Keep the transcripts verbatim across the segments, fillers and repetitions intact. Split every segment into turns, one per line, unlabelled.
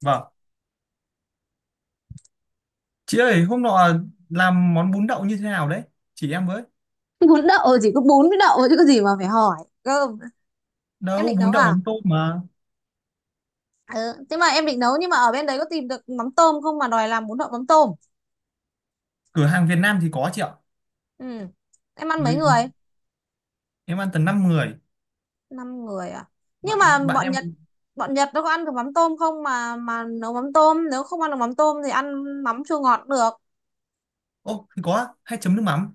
Vâng. Chị ơi, hôm nọ làm món bún đậu như thế nào đấy? Chỉ em với.
Bún đậu chỉ có bún với đậu chứ có gì mà phải hỏi. Cơm. Em
Đâu,
định nấu
bún đậu
à?
mắm tôm mà.
ừ. Thế mà em định nấu nhưng mà ở bên đấy có tìm được mắm tôm không mà đòi làm bún đậu mắm tôm?
Cửa hàng Việt Nam thì có chị ạ.
Ừ. Em ăn mấy
Người,
người?
em ăn tầm năm người.
Năm người à? Nhưng mà
Bạn bạn
bọn
em...
Nhật, bọn Nhật nó có ăn được mắm tôm không mà mà nấu mắm tôm? Nếu không ăn được mắm tôm thì ăn mắm chua ngọt cũng được.
Ô, thì có. Hay chấm nước mắm.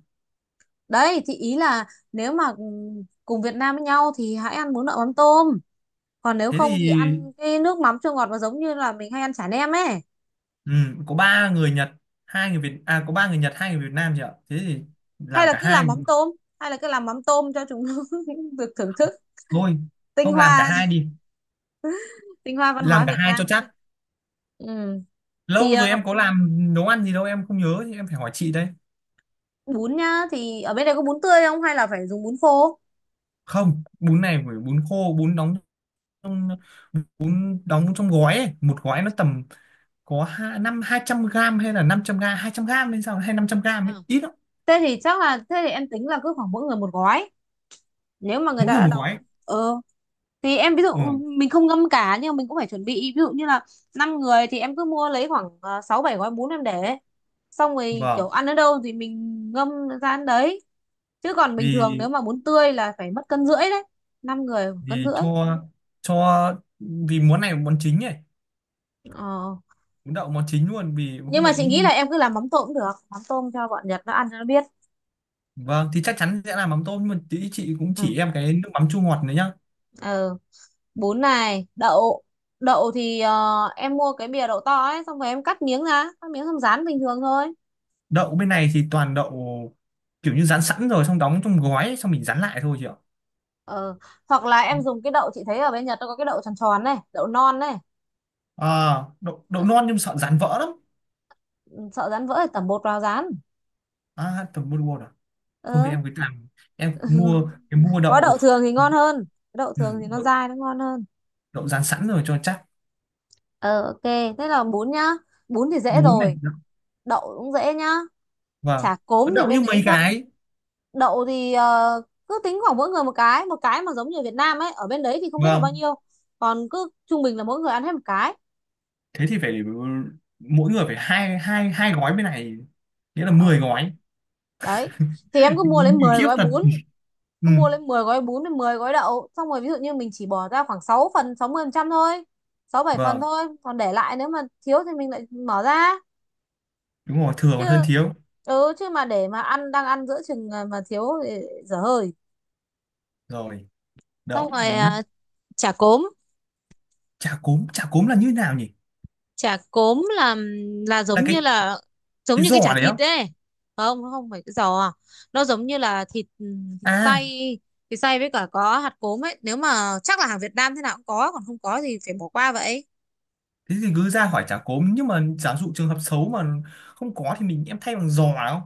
Đấy thì ý là nếu mà cùng Việt Nam với nhau thì hãy ăn bún đậu mắm tôm, còn nếu
Thế
không thì
thì...
ăn cái nước mắm chua ngọt nó giống như là mình hay ăn chả nem ấy.
Ừ, có ba người Nhật, hai người Việt... À, có ba người Nhật, hai người Việt Nam chị ạ. Thế thì
Hay
làm
là
cả
cứ
hai
làm mắm
cũng được.
tôm, hay là cứ làm mắm tôm cho chúng được thưởng thức
Thôi.
tinh
Không, làm cả
hoa,
hai đi.
tinh hoa văn
Làm
hóa
cả
Việt
hai cho
Nam.
chắc.
Ừ. Thì
Lâu rồi
ờ,
em có làm nấu ăn gì đâu, em không nhớ. Thì em phải hỏi chị đây.
bún nhá, thì ở bên đây có bún tươi không hay là phải dùng bún khô?
Không, bún này phải bún khô, bún đóng trong bún đóng trong gói ấy. Một gói nó tầm có hai năm hai trăm gram hay là năm trăm gram, hai trăm gram hay sao hay năm trăm gram
À.
ấy. Ít lắm,
Thế thì chắc là thế thì em tính là cứ khoảng mỗi người một gói. Nếu mà người
mỗi
ta
người
đã
một gói ấy.
đóng ờ thì em ví dụ
Ừ.
mình không ngâm cả nhưng mà mình cũng phải chuẩn bị ví dụ như là năm người thì em cứ mua lấy khoảng ờ, sáu bảy gói bún em để, xong rồi
Vâng.
kiểu ăn ở đâu thì mình ngâm ra ăn đấy. Chứ còn bình thường
vì
nếu mà bún tươi là phải mất cân rưỡi đấy, năm người khoảng
vì
cân rưỡi.
cho cho vì món này là món chính ấy,
Ờ.
món đậu món chính luôn vì không
Nhưng
hôm
mà
nay.
chị nghĩ là em cứ làm mắm tôm cũng được, mắm tôm cho bọn Nhật nó ăn cho nó biết.
Vâng, thì chắc chắn sẽ làm mắm tôm, nhưng mà tí chị cũng
Ừ.
chỉ em cái nước mắm chua ngọt này nhá.
ờ, Bún này đậu, đậu thì ờ, em mua cái bìa đậu to ấy xong rồi em cắt miếng ra, cắt miếng xong rán bình thường thôi.
Đậu bên này thì toàn đậu kiểu như rán sẵn rồi xong đóng trong gói ấy, xong mình rán lại thôi chị ạ.
Ờ, hoặc là em dùng cái đậu, chị thấy ở bên Nhật nó có cái đậu tròn tròn này, đậu non này.
À, đậu, đậu
Ờ,
non nhưng sợ rán vỡ lắm.
sợ rán vỡ thì tẩm bột vào rán.
À tầm mua thôi,
Ờ.
em cứ làm, em mua cái mua
Có
đậu.
đậu thường thì ngon hơn, đậu
Ừ,
thường thì nó
đậu,
dai nó ngon hơn.
đậu rán sẵn rồi cho chắc.
Ờ, ok, thế là bún nhá, bún thì dễ
Bún này
rồi,
đậu-
đậu cũng dễ nhá.
Vâng.
Chả
Có
cốm thì
đậu như
bên
mấy
đấy chắc.
cái.
Đậu thì ờ, cứ tính khoảng mỗi người một cái, một cái mà giống như ở Việt Nam ấy, ở bên đấy thì không biết là bao
Vâng
nhiêu, còn cứ trung bình là mỗi người ăn hết một cái.
thế thì phải mỗi người phải hai hai hai gói bên này, nghĩa là mười
Ờ.
gói.
Đấy thì em cứ mua lấy
Mình
mười
khiếp
gói
thật.
bún,
Ừ,
cứ mua lấy mười gói bún với mười gói đậu, xong rồi ví dụ như mình chỉ bỏ ra khoảng sáu phần, sáu mươi phần trăm thôi, sáu bảy phần
vâng,
thôi, còn để lại nếu mà thiếu thì mình lại mở ra.
đúng rồi, thừa
Chứ
còn hơn thiếu.
ừ, chứ mà để mà ăn đang ăn giữa chừng mà mà thiếu thì dở hơi.
Rồi
Xong
đậu
rồi
bún
à, chả cốm.
chả cốm chả cốm là như nào nhỉ?
Chả cốm là là
Là
giống như
cái
là, giống
cái
như cái chả
giỏ đấy không?
thịt ấy. Không, nó không phải cái giò, nó giống như là thịt, ừ, thịt xay,
À
thịt xay với cả có hạt cốm ấy, nếu mà chắc là hàng Việt Nam thế nào cũng có, còn không có thì phải bỏ qua vậy.
thế thì cứ ra hỏi chả cốm, nhưng mà giả dụ trường hợp xấu mà không có thì mình em thay bằng giò. Không,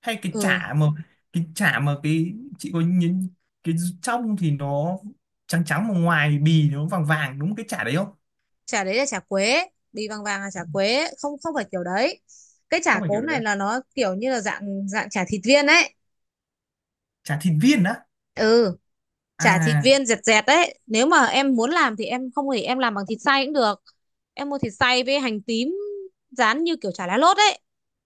hay cái
Ừ.
chả mà, cái chả mà cái chị có nhìn, cái trong thì nó trắng trắng mà ngoài thì bì nó vàng vàng, đúng cái chả đấy không?
Chả đấy là chả quế, bì vàng vàng là chả quế, không không phải kiểu đấy. Cái chả
Không phải kiểu
cốm này
đấy?
là nó kiểu như là dạng, dạng chả thịt viên ấy.
Chả thịt viên á?
Ừ, chả thịt
À.
viên dẹt dẹt đấy, nếu mà em muốn làm thì em, không thì em làm bằng thịt xay cũng được. Em mua thịt xay với hành tím, rán như kiểu chả lá lốt ấy,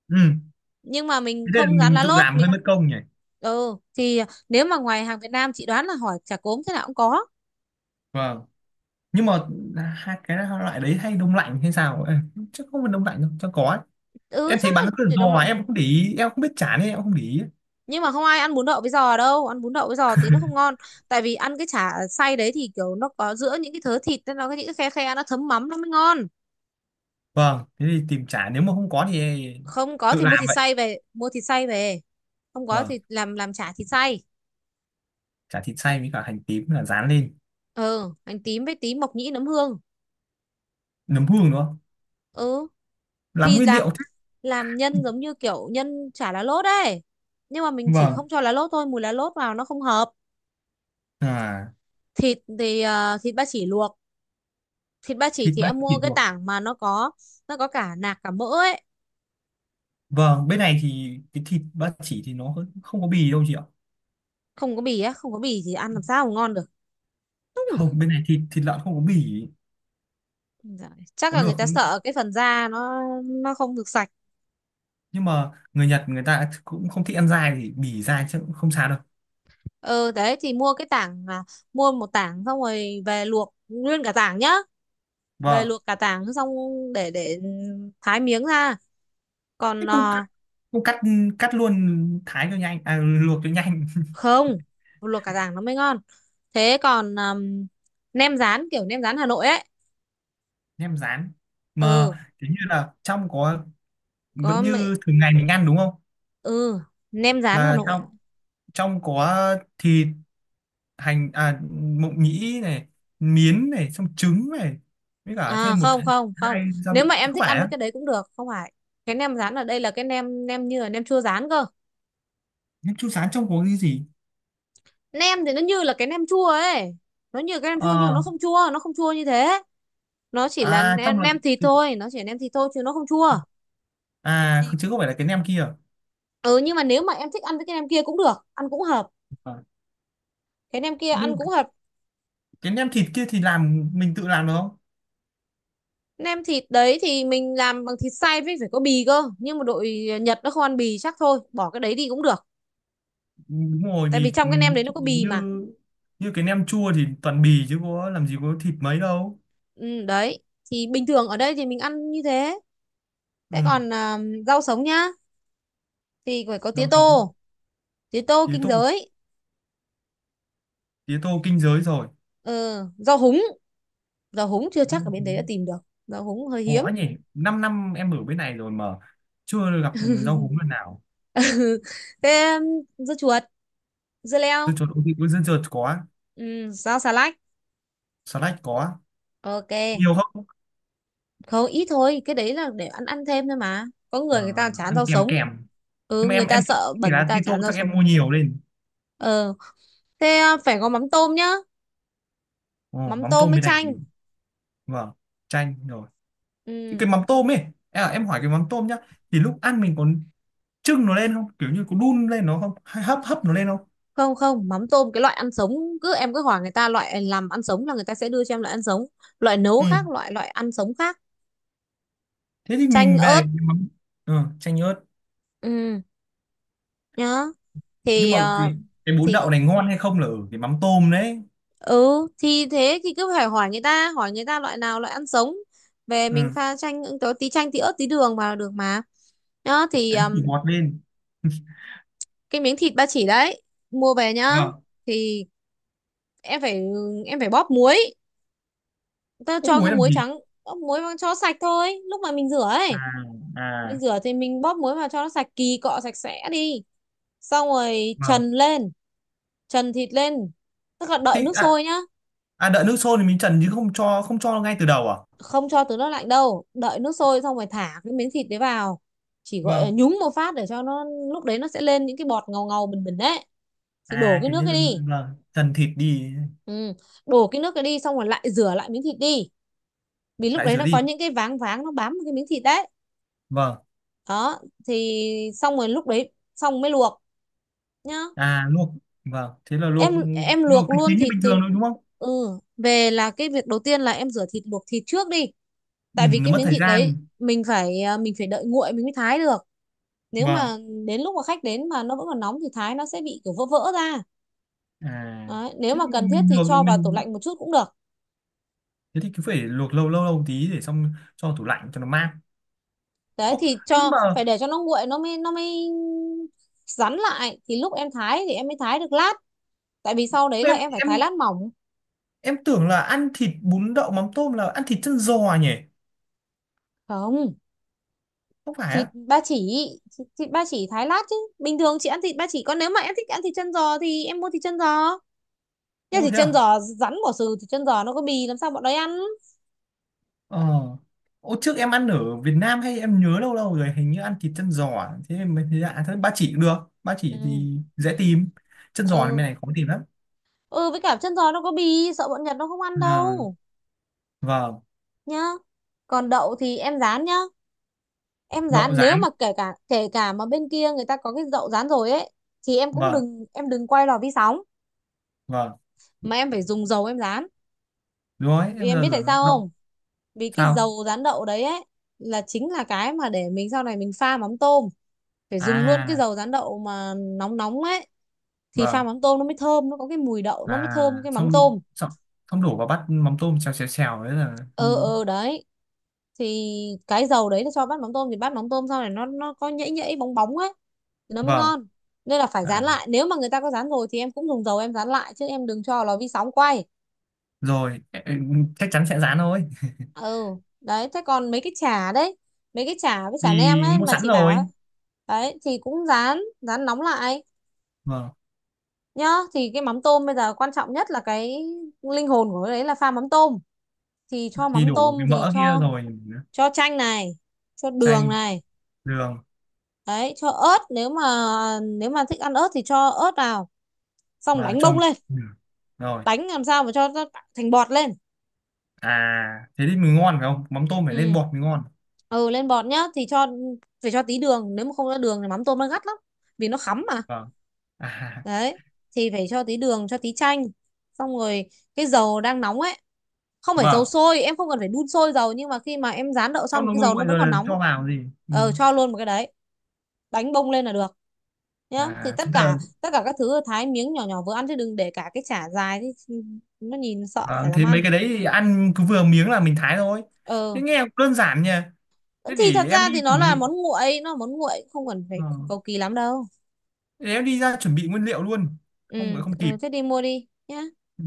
Ừ.
nhưng mà mình
Thế nên là
không rán
mình
lá
tự
lốt
làm
mình.
hơi mất công nhỉ.
Ừ thì nếu mà ngoài hàng Việt Nam chị đoán là hỏi chả cốm thế nào cũng có.
Vâng, nhưng mà hai cái loại đấy hay đông lạnh hay sao? Ê, chắc không phải đông lạnh đâu, chắc có ấy.
Ừ,
Em
chắc
thấy bán
là
cứ
để đông
giò
lại.
em không để ý, em không biết chả nên em không để ý.
Nhưng mà không ai ăn bún đậu với giò đâu, ăn bún đậu với giò tí nó không ngon, tại vì ăn cái chả xay đấy thì kiểu nó có giữa những cái thớ thịt nên nó có những cái khe khe, nó thấm mắm nó mới ngon.
Vâng, thế thì tìm chả, nếu mà không có thì
Không có
tự
thì
làm
mua thịt
vậy.
xay về, mua thịt xay về không có
Vâng,
thì làm, làm chả thịt xay.
chả thịt xay với cả hành tím là rán lên,
Ừ, hành tím với tí mộc nhĩ nấm hương.
nấm hương nữa.
Ừ
Làm
thì
nguyên
làm,
liệu thế.
làm nhân giống như kiểu nhân chả lá lốt ấy, nhưng mà mình chỉ
Vâng,
không cho lá lốt thôi, mùi lá lốt vào nó không hợp.
à
Thịt thì ờ, thịt ba chỉ luộc. Thịt ba chỉ
thịt
thì
ba
em mua
chỉ
cái
luộc.
tảng mà nó có, nó có cả nạc cả mỡ ấy.
Vâng, bên này thì cái thịt ba chỉ thì nó không có bì đâu chị ạ.
Không có bì á? Không có bì thì ăn làm sao mà ngon được.
Không, bên này thịt, thịt lợn không có bì,
Dạ, chắc
có
là người
được,
ta sợ cái phần da, nó nó không được sạch.
nhưng mà người Nhật người ta cũng không thích ăn dai thì bì dai chứ cũng không sao đâu.
Ừ, đấy thì mua cái tảng, à, mua một tảng xong rồi về luộc nguyên cả tảng nhá. Về
Vâng,
luộc cả tảng xong, để để thái miếng ra,
thế
còn
không cắt,
à,
không cắt cắt luôn, thái cho nhanh, à, luộc cho nhanh.
không, luộc cả tảng nó mới ngon. Thế còn um, nem rán kiểu nem rán Hà Nội ấy.
Nem rán mà
Ừ,
kiểu như là trong có
có
vẫn
mẹ.
như thường ngày mình ăn đúng không?
Ừ, nem rán Hà
Là dạ.
Nội.
Trong, trong có thịt, hành, à mộng nhĩ này, miến này, xong trứng này, với cả
À,
thêm một
không, không, không.
hai gia vị,
Nếu mà em
không
thích
phải
ăn với
á?
cái đấy cũng được, không phải. Cái nem rán ở đây là cái nem, nem như là nem chua rán cơ.
Nhưng chú sán trong có cái gì?
Nem thì nó như là cái nem chua ấy, nó như cái nem chua nhưng mà
Ờ.
nó không chua, nó không chua như thế. Nó chỉ là
À, trong
nem,
là,
nem thịt thôi, nó chỉ là nem thịt thôi chứ nó không chua.
à
Chỉ
chứ không phải là cái nem kia?
ừ, nhưng mà nếu mà em thích ăn với cái nem kia cũng được, ăn cũng hợp.
Ờ.
Cái nem kia
Nhưng
ăn
mà
cũng hợp.
cái nem thịt kia thì làm mình tự làm được không?
Nem thịt đấy thì mình làm bằng thịt xay với phải có bì cơ, nhưng mà đội Nhật nó không ăn bì chắc, thôi bỏ cái đấy đi cũng được.
Đúng rồi,
Tại vì
vì ừ,
trong cái nem đấy nó
chị
có bì
như,
mà.
như cái nem chua thì toàn bì chứ có làm gì có thịt mấy đâu.
Ừ, đấy thì bình thường ở đây thì mình ăn như thế.
Ừ.
Thế còn à, rau sống nhá, thì phải có tía
Rau sống,
tô, tía tô
tía
kinh
tô
giới.
tía tô kinh giới rồi.
Ừ, rau húng, rau húng chưa chắc ở bên đấy đã tìm được, rau húng hơi hiếm.
Khó nhỉ, 5 năm em ở bên này rồi mà chưa gặp rau húng lần nào.
Thế um, dưa chuột, dưa
Dưa
leo.
chuột ok, có dưa chuột có.
Ừ, rau xà lách.
Salad có.
Ok.
Nhiều không?
Không, ít thôi, cái đấy là để ăn, ăn thêm thôi mà. Có
Ờ,
người người ta chán
ăn
rau
kèm,
sống.
kèm
Ừ,
nhưng mà
người
em
ta
em thích
sợ
cái
bẩn người
lá tí,
ta chán rau
chắc em
sống.
mua nhiều lên.
Ờ, thế à, phải có mắm tôm nhá,
Ồ,
mắm
mắm
tôm
tôm
với
bên này thì-
chanh.
Vâng, chanh rồi. Thế
Ừ.
cái mắm tôm ấy, à, em hỏi cái mắm tôm nhá, thì lúc ăn mình còn trưng nó lên không, kiểu như có đun lên nó không hay hấp, hấp nó lên không?
Không, không, mắm tôm cái loại ăn sống, cứ em cứ hỏi người ta loại làm ăn sống là người ta sẽ đưa cho em loại ăn sống. Loại nấu khác,
Ừ,
loại, loại ăn sống khác.
thế thì
Chanh
mình về
ớt.
cái mắm, ừ, chanh ớt.
Ừ, nhá
Nhưng
thì
mà cái
ờ,
cái bún
thì
đậu này ngon hay không là ở cái mắm tôm đấy.
ừ thì thế thì cứ phải hỏi người ta, hỏi người ta loại nào loại ăn sống. Về mình
Ừ.
pha chanh, có tí chanh tí ớt tí đường vào là được mà. Nhá thì
Đánh
um,
thì ngọt lên.
cái miếng thịt ba chỉ đấy mua về nhá,
Vâng.
thì em phải, em phải bóp muối, ta
Ướp
cho cái
muối làm
muối
gì?
trắng, bóp muối vào cho sạch thôi lúc mà mình rửa
À,
ấy. Mình
à
rửa thì mình bóp muối vào cho nó sạch, kỳ cọ sạch sẽ đi, xong rồi
vâng.
trần lên, trần thịt lên, tức là đợi
Thì
nước
à,
sôi nhá,
à đợi nước sôi thì mình trần, chứ không cho, không cho ngay từ đầu à?
không cho từ nước lạnh đâu, đợi nước sôi xong rồi thả cái miếng thịt đấy vào, chỉ gọi là
Vâng.
nhúng một phát để cho nó, lúc đấy nó sẽ lên những cái bọt ngầu ngầu bình bình đấy thì đổ
À
cái
kiểu
nước
như
cái
là,
đi.
vâng trần thịt đi.
Ừ. Đổ cái nước cái đi xong rồi lại rửa lại miếng thịt đi, vì lúc
Lại
đấy
rửa
nó có
đi,
những cái váng váng nó bám vào cái miếng thịt đấy.
vâng.
Đó. Thì xong rồi lúc đấy xong mới luộc, nhá.
À luộc, vâng thế là
Em
luộc.
em
Luộc
luộc
thì
luôn
chính như
thịt
bình thường
từ.
thôi đúng không?
Ừ, về là cái việc đầu tiên là em rửa thịt luộc thịt trước đi.
Ừ,
Tại vì
nó
cái
mất
miếng
thời
thịt đấy
gian.
mình phải à, mình phải đợi nguội mình mới thái được. Nếu
Vâng,
mà đến lúc mà khách đến mà nó vẫn còn nóng thì thái nó sẽ bị kiểu vỡ vỡ ra.
à
Đấy. Nếu
thế
mà
thì
cần thiết
mình
thì
luộc
cho vào tủ
mình
lạnh một chút cũng được.
thế thì cứ phải luộc lâu lâu lâu một tí để xong cho vào tủ lạnh cho nó mát.
Đấy
Ồ,
thì
nhưng
cho
mà
phải để cho nó nguội nó mới, nó mới rắn lại thì lúc em thái thì em mới thái được lát, tại vì sau đấy là
em
em phải thái
em
lát mỏng.
em tưởng là ăn thịt bún đậu mắm tôm là ăn thịt chân giò nhỉ?
Không,
Không phải
thịt
á?
ba chỉ, thịt ba chỉ thái lát chứ bình thường chị ăn thịt ba chỉ, còn nếu mà em thích ăn thịt chân giò thì em mua thịt chân giò, nhưng
Ô
thịt
thế
chân
à?
giò rắn bỏ xừ, thịt chân giò nó có bì làm sao bọn đấy ăn.
Ờ. Ô trước em ăn ở Việt Nam hay em nhớ lâu lâu rồi hình như ăn thịt chân giò à? Thế em mới thấy lạ, thế ba chỉ cũng được. Ba chỉ
Ừ.
thì dễ tìm, chân giò thì bên
ừ
này khó tìm lắm.
ừ với cả chân giò nó có bì sợ bọn Nhật nó không ăn
À,
đâu,
vâng.
nhá. Còn đậu thì em rán nhá, em
Đậu
rán nếu
rán,
mà kể cả, kể cả mà bên kia người ta có cái đậu rán rồi ấy thì em cũng
vâng,
đừng, em đừng quay lò vi sóng,
vâng
mà em phải dùng dầu em rán.
đúng rồi
Vì
em
em
giờ
biết tại
rồi
sao
đậu.
không? Vì cái
Sao?
dầu rán đậu đấy ấy là chính là cái mà để mình sau này mình pha mắm tôm, phải dùng luôn cái
À,
dầu rán đậu mà nóng nóng ấy thì pha
vâng.
mắm tôm nó mới thơm, nó có cái mùi đậu nó mới
À
thơm cái mắm
xong,
tôm.
xong xong đổ vào bát mắm tôm xèo xèo xèo đấy là
Ừ.
không?
Ừ đấy thì cái dầu đấy nó cho bát mắm tôm thì bát mắm tôm sau này nó, nó có nhễ nhễ bóng bóng ấy thì nó mới
Vâng.
ngon. Nên là phải rán
À
lại, nếu mà người ta có rán rồi thì em cũng dùng dầu em rán lại chứ em đừng cho vào lò vi sóng quay.
rồi ẹ- ẹ, chắc chắn sẽ rán thôi.
Ừ, đấy thế còn mấy cái chả đấy, mấy cái chả với chả nem
Thì
ấy
mua
mà
sẵn
chị bảo
rồi.
ấy, đấy thì cũng rán, rán nóng lại,
Vâng
nhá. Thì cái mắm tôm bây giờ quan trọng nhất là cái linh hồn của cái đấy là pha mắm tôm, thì cho
thì
mắm
đủ
tôm
cái
thì
mỡ kia
cho
rồi.
cho chanh này, cho đường
Chanh,
này,
đường,
đấy cho ớt, nếu mà, nếu mà thích ăn ớt thì cho ớt vào, xong
và
đánh bông
trong,
lên,
đường rồi.
đánh làm sao mà cho nó thành bọt lên.
À thế thì mới ngon phải không, mắm tôm phải lên
Ừ.
bọt mới ngon.
ừ Lên bọt nhá, thì cho phải cho tí đường, nếu mà không có đường thì mắm tôm nó gắt lắm, vì nó khắm mà.
Vâng. À.
Đấy thì phải cho tí đường, cho tí chanh, xong rồi cái dầu đang nóng ấy, không phải dầu
Vâng,
sôi, em không cần phải đun sôi dầu, nhưng mà khi mà em rán đậu
cho
xong thì
nó
cái
nguội
dầu nó
nguội
vẫn
rồi
còn
là
nóng á.
cho vào gì, ừ.
Ờ cho luôn một cái đấy, đánh bông lên là được, nhá. Thì
À
tất
thế là,
cả, tất cả các thứ thái miếng nhỏ nhỏ vừa ăn chứ đừng để cả cái chả dài thì nó nhìn sợ
vâng
chả dám
thế mấy
ăn.
cái đấy thì ăn cứ vừa miếng là mình thái thôi.
Ờ
Thế nghe cũng đơn giản nhỉ. Thế
thì thật
để em
ra
đi
thì nó
chuẩn
là
bị.
món nguội, nó là món nguội không cần
Ờ,
phải cầu kỳ lắm đâu.
để em đi ra chuẩn bị nguyên liệu luôn,
Ừ,
không phải không kịp.
ừ thế đi mua đi nhá.
Ừ.